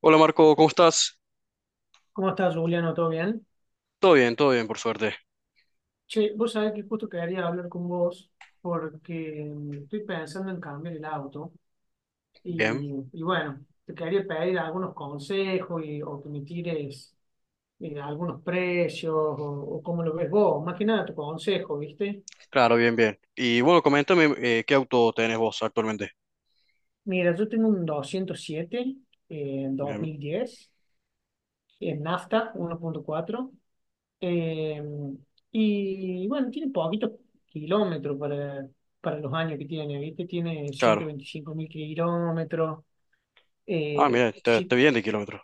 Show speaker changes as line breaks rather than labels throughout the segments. Hola Marco, ¿cómo estás?
¿Cómo estás, Juliano? ¿Todo bien?
Todo bien, por suerte.
Che, vos sabés que justo quería hablar con vos porque estoy pensando en cambiar el auto
Bien,
y bueno, te quería pedir algunos consejos y, o que me tires algunos precios o cómo lo ves vos. Más que nada tu consejo, ¿viste?
claro, bien, bien. Y bueno, coméntame qué auto tenés vos actualmente.
Mira, yo tengo un 207 en dos
Bien,
mil diez. En nafta, 1.4. Eh, y bueno, tiene poquitos kilómetros para los años que tiene, ¿viste? Tiene ciento
claro.
veinticinco mil kilómetros.
Ah, mira, te
Sí,
bien de kilómetros.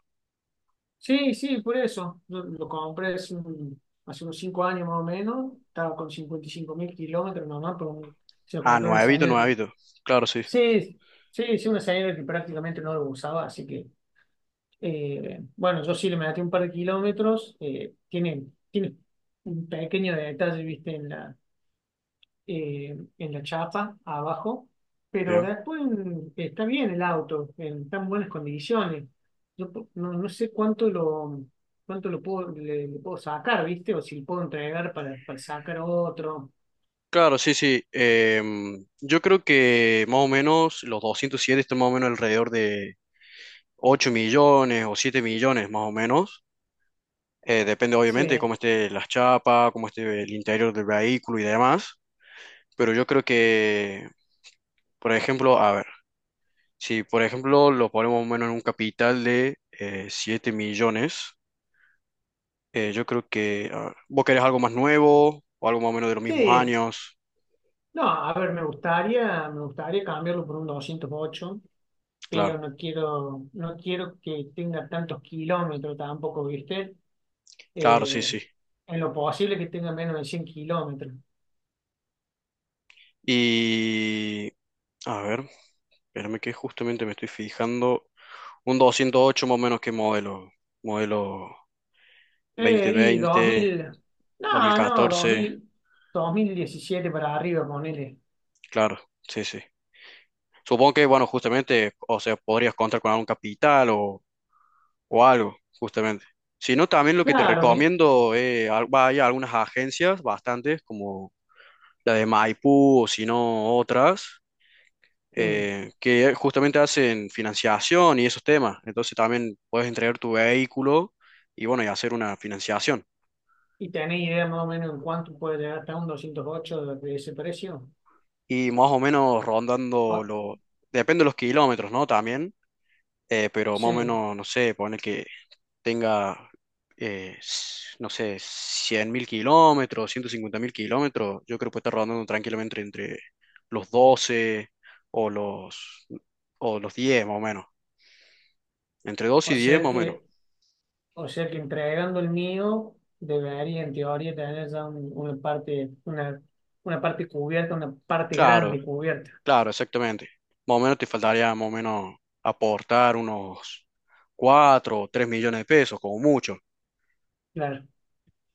sí, sí, por eso. Yo lo compré hace, hace unos 5 años más o menos. Estaba con 55.000 kilómetros nomás, pero se lo
Ah,
compré a una
nuevito,
señora que.
nuevito. Claro, sí,
Sí, sí, sí, una señora que prácticamente no lo usaba, así que bueno, yo sí le metí un par de kilómetros. Tiene un pequeño detalle, viste, en la chapa abajo, pero
bien.
después está bien el auto, en tan buenas condiciones. No sé cuánto lo puedo, le puedo sacar, viste, o si lo puedo entregar para sacar otro.
Claro, sí, sí. Yo creo que más o menos los 207 están más o menos alrededor de 8 millones o 7 millones más o menos. Depende obviamente de
Sí,
cómo esté las chapas, cómo esté el interior del vehículo y demás. Pero yo creo que, por ejemplo, a ver. Si, por ejemplo, lo ponemos más o menos en un capital de 7 millones, yo creo que a vos querés algo más nuevo o algo más o menos de los mismos
sí.
años.
No, a ver, me gustaría cambiarlo por un 208,
Claro,
pero no quiero que tenga tantos kilómetros tampoco, ¿viste?
claro, sí, sí.
Eh, en lo posible que tenga menos de 100 kilómetros.
Y, a ver, espérame que justamente me estoy fijando. Un 208 más o menos que modelo. Modelo dos mil
Y
veinte
2000,
dos mil
no, no,
catorce.
2000, 2017 para arriba, ponele.
Claro, sí, sí. Supongo que, bueno, justamente, o sea, podrías contar con algún capital o algo, justamente. Si no, también lo que te
Claro,
recomiendo es vaya a algunas agencias, bastantes, como la de Maipú o si no otras,
sí.
que justamente hacen financiación y esos temas. Entonces también puedes entregar tu vehículo y bueno, y hacer una financiación.
¿Y tenés idea más o menos en cuánto puede llegar hasta un 208 de ese precio?
Y más o menos rondando
O-
depende de los kilómetros, ¿no? También, pero más o
sí,
menos, no sé, poner que tenga, no sé, 100.000 kilómetros, 150.000 kilómetros, yo creo que puede estar rondando tranquilamente entre los 12 o los, o los 10 más o menos. Entre 12
o
y 10
sea
más o menos.
que O sea que entregando el mío, debería en teoría tener ya una parte cubierta, una parte
Claro,
grande cubierta.
claro, exactamente. Más o menos te faltaría más o menos aportar unos 4 o 3 millones de pesos, como mucho.
Claro.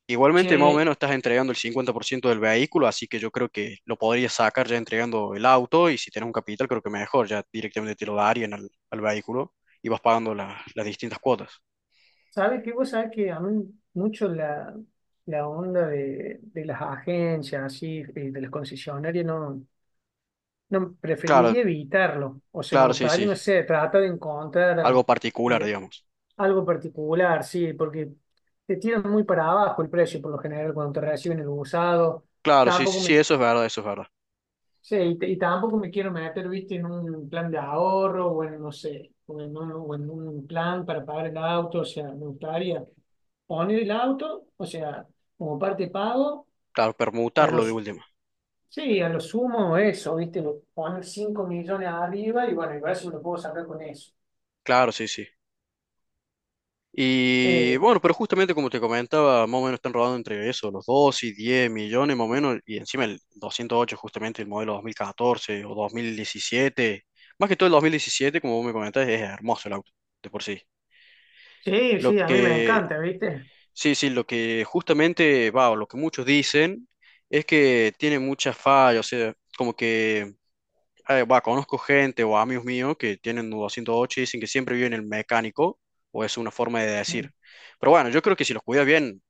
Igualmente, más o
Che,
menos estás entregando el 50% del vehículo, así que yo creo que lo podrías sacar ya entregando el auto y si tienes un capital, creo que mejor, ya directamente te lo darían al vehículo y vas pagando las distintas cuotas.
¿sabes qué? Vos sabés que a mí mucho la onda de las agencias, así, de las concesionarias, no. No,
Claro,
preferiría evitarlo. O sea, me
claro, sí,
gustaría,
sí,
no sé, tratar de encontrar
algo particular,
eh,
digamos.
algo particular, sí, porque te tiran muy para abajo el precio por lo general cuando te reciben el usado.
Claro, sí, sí,
Tampoco
sí, eso es verdad, eso es verdad.
sí, y tampoco me quiero meter, viste, en un plan de ahorro o en, no sé, o en un plan para pagar el auto. O sea, me gustaría poner el auto, o sea, como parte de pago
Claro,
a
permutarlo de
los
última.
Sí, a lo sumo eso, ¿viste? Lo pones 5 millones arriba y bueno, igual eso lo puedo sacar con eso.
Claro, sí, sí. Y
Eh,
bueno, pero justamente como te comentaba, más o menos están rodando entre eso, los 2 y 10 millones más o menos, y encima el 208 justamente el modelo 2014 o 2017, más que todo el 2017 como vos me comentás, es hermoso el auto, de por sí.
sí, sí,
Lo
a mí me
que,
encanta, ¿viste?
sí, sí, lo que justamente va, o lo que muchos dicen, es que tiene muchas fallas, o sea, como que, va, conozco gente o amigos míos que tienen 208 y dicen que siempre viven en el mecánico, o es una forma de
Sí.
decir. Pero bueno, yo creo que si los cuida bien,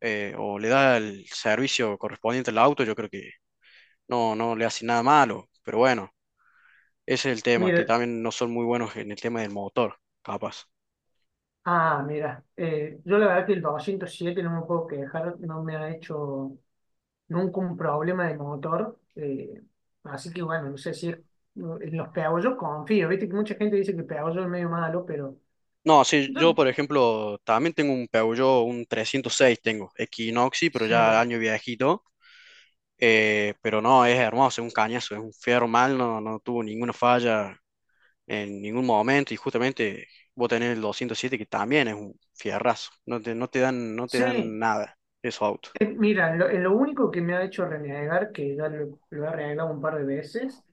o le da el servicio correspondiente al auto, yo creo que no, no le hace nada malo, pero bueno. Ese es el tema, que
Mira,
también no son muy buenos en el tema del motor, capaz.
mira, yo la verdad que el 207 no me puedo quejar, no me ha hecho nunca un problema de motor. Así que bueno, no sé si en los peabollos confío, ¿viste? Que mucha gente dice que el peabollo es medio malo, pero
No, sí,
yo
yo por ejemplo también tengo un Peugeot, un 306 tengo, Equinoxi, pero ya
sí,
año viejito, pero no, es hermoso, es un cañazo, es un fierro mal, no, no tuvo ninguna falla en ningún momento y justamente vos tenés el 207 que también es un fierrazo, no te, no te dan, no te
sí.
dan nada esos autos.
Mira, en lo único que me ha hecho renegar, que ya lo he renegado un par de veces,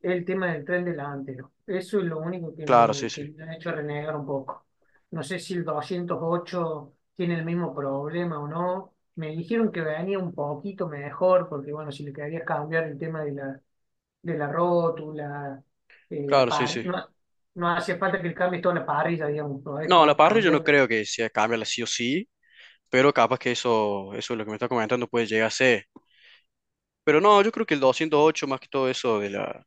es el tema del tren delantero. Eso es lo único que
Claro, sí,
me,
sí,
que me ha hecho renegar un poco. No sé si el 208 tiene el mismo problema o no. Me dijeron que venía un poquito mejor, porque bueno, si le querías cambiar el tema de la rótula, eh, la
claro, sí,
par,
sí.
no, no hace falta que le cambies toda la parrilla, digamos, podés
No, la parrilla yo no
cambiar.
creo que sea cambiarla sí o sí, pero capaz que eso es lo que me está comentando puede llegar a ser. Pero no, yo creo que el 208 más que todo eso de la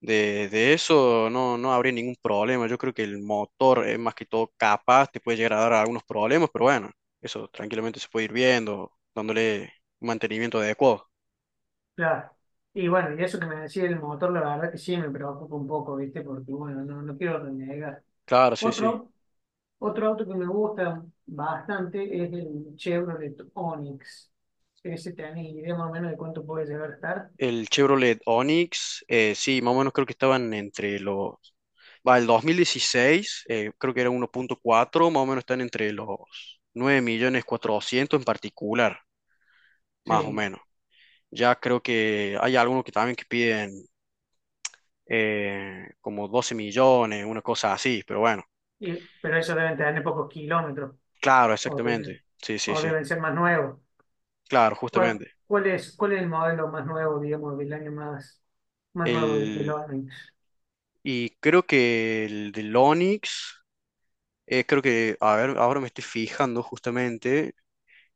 de eso no, no habría ningún problema. Yo creo que el motor es más que todo capaz, te puede llegar a dar algunos problemas, pero bueno, eso tranquilamente se puede ir viendo, dándole un mantenimiento adecuado.
Claro. Y bueno, y eso que me decía el motor, la verdad que sí me preocupa un poco, ¿viste? Porque bueno, no quiero renegar.
Claro, sí, sí.
Otro, otro auto que me gusta bastante es el Chevrolet Onix. Ese tenés idea más o menos de cuánto puede llegar a estar.
El Chevrolet Onix, sí, más o menos creo que estaban entre los. Va, el 2016, creo que era 1.4, más o menos están entre los 9.400.000 en particular, más o
Sí,
menos. Ya creo que hay algunos que también que piden como 12 millones, una cosa así, pero bueno.
pero eso deben tener pocos kilómetros
Claro,
o deben,
exactamente. Sí, sí,
o
sí.
deben ser más nuevos.
Claro,
¿Cuál,
justamente.
cuál es, cuál es el modelo más nuevo, digamos, del año más nuevo del
El,
Onix?
y creo que el del Onix, creo que, a ver, ahora me estoy fijando justamente,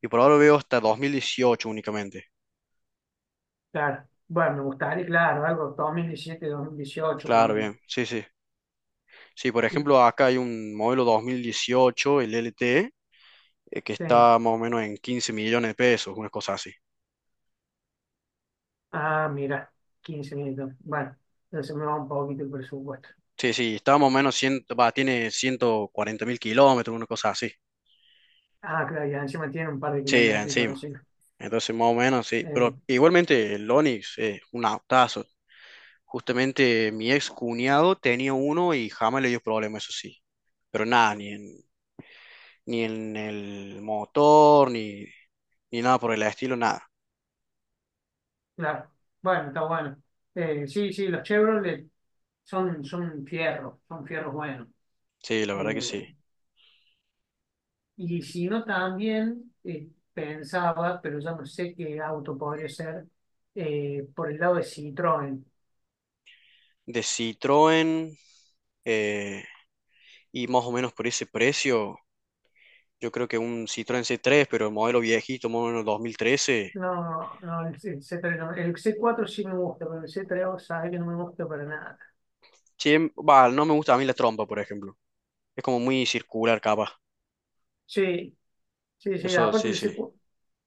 y por ahora veo hasta 2018 únicamente.
Claro. Bueno, me gustaría, claro, algo 2017, 2018,
Claro,
ponen.
bien, sí, sí. Sí, por
Y-
ejemplo, acá hay un modelo 2018 el LT, que
Sí.
está más o menos en 15 millones de pesos, una cosa así.
Ah, mira, 15 minutos. Bueno, entonces me va un poquito el presupuesto.
Sí, sí, está más o menos, 100 va, tiene 140.000 kilómetros, una cosa así.
Ah, claro, y encima tiene un par de
Sí,
kilómetros y todo.
encima. Entonces, más o menos, sí.
Eh,
Pero igualmente, el Onix es un autazo. Justamente mi ex cuñado tenía uno y jamás le dio problema, eso sí. Pero nada, ni en el motor, ni nada por el estilo, nada.
claro. Bueno, está bueno. Sí, sí, los Chevrolet son fierros, son fierros buenos.
Sí, la verdad que
Eh,
sí.
y si no, también pensaba, pero ya no sé qué auto podría ser, por el lado de Citroën.
De Citroën, eh, y más o menos por ese precio. Yo creo que un Citroën c tres pero el modelo viejito, modelo 2013.
No, no, el c tres no. El c cuatro sí me gusta, pero el C3 sabe que no me gusta para nada.
Sí, va, no me gusta a mí la trompa, por ejemplo. Es como muy circular, capaz.
Sí, sí, sí.
Eso,
Aparte
sí,
el
sí.
c cuatro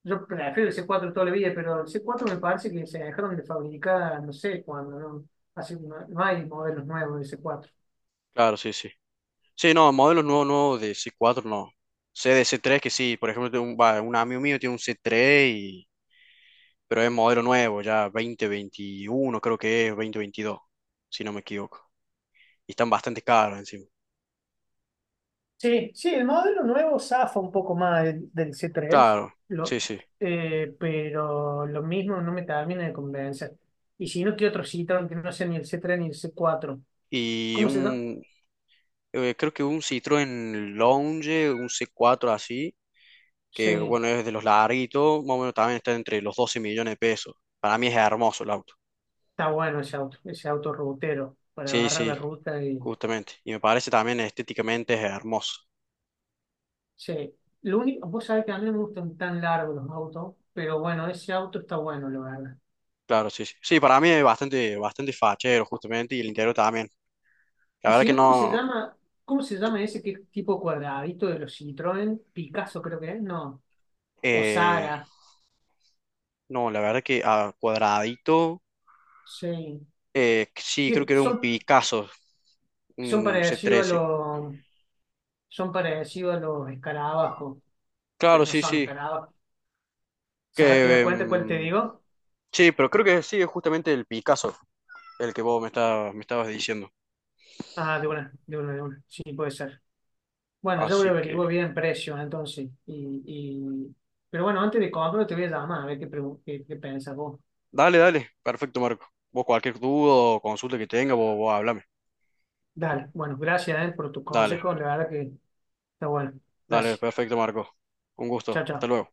yo prefiero el c cuatro toda la vida, pero el c cuatro me parece que se dejaron de fabricar, no sé cuándo, ¿no? Así, no hay modelos nuevos del c cuatro.
Claro, sí, sí. Sí, no, modelos nuevos, nuevos de c cuatro no. Sé de c tres que sí, por ejemplo, tengo un amigo mío tiene un c tres y. Pero es modelo nuevo, ya 2021 creo que es 2022 si no me equivoco. Y están bastante caros encima.
Sí, sí, el modelo nuevo zafa un poco más del c tres,
Claro, sí,
lo,
sí.
pero lo mismo no me termina de convencer. Y si no, ¿qué otro Citroën que no sea ni el c tres ni el c cuatro?
Y
¿Cómo se llama?
creo que un Citroën Lounge, un c cuatro así, que
Sí.
bueno, es de los larguitos, más o menos también está entre los 12 millones de pesos. Para mí es hermoso el auto.
Está bueno ese auto rutero para
Sí,
agarrar la
sí,
ruta y
justamente. Y me parece también estéticamente es hermoso.
sí. Lo único, vos sabés que a mí no me gustan tan largos los autos, pero bueno, ese auto está bueno, la verdad.
Claro, sí, sí. Sí, para mí es bastante, bastante fachero, justamente, y el interior también. La
Y
verdad
si
que
no, ¿cómo se
no,
llama? ¿Cómo se llama ese que es tipo cuadradito de los Citroën? Picasso creo que es, no. O
eh,
Sara,
no, la verdad que a cuadradito,
sí.
sí,
Que
creo que era un
son,
Picasso,
son
un
parecidos a
C13.
los, son parecidos a los escarabajos, pero
Claro,
no
sí,
son
sí.
escarabajos. O sea, ¿te
Que,
das cuenta cuál te digo?
sí, pero creo que sí, es justamente el Picasso, el que vos me estabas diciendo.
Ah, de una, de una, de una. Sí, puede ser. Bueno, yo voy
Así
a
que,
averiguar bien precios entonces. Y... Pero bueno, antes de comprarlo te voy a llamar a ver qué pensás vos.
dale, dale. Perfecto, Marco. Vos cualquier duda o consulta que tenga, vos háblame.
Dale, bueno, gracias, por tus
Dale,
consejos. La verdad que está bueno.
dale,
Gracias.
perfecto, Marco. Un
Chao,
gusto.
chao.
Hasta luego.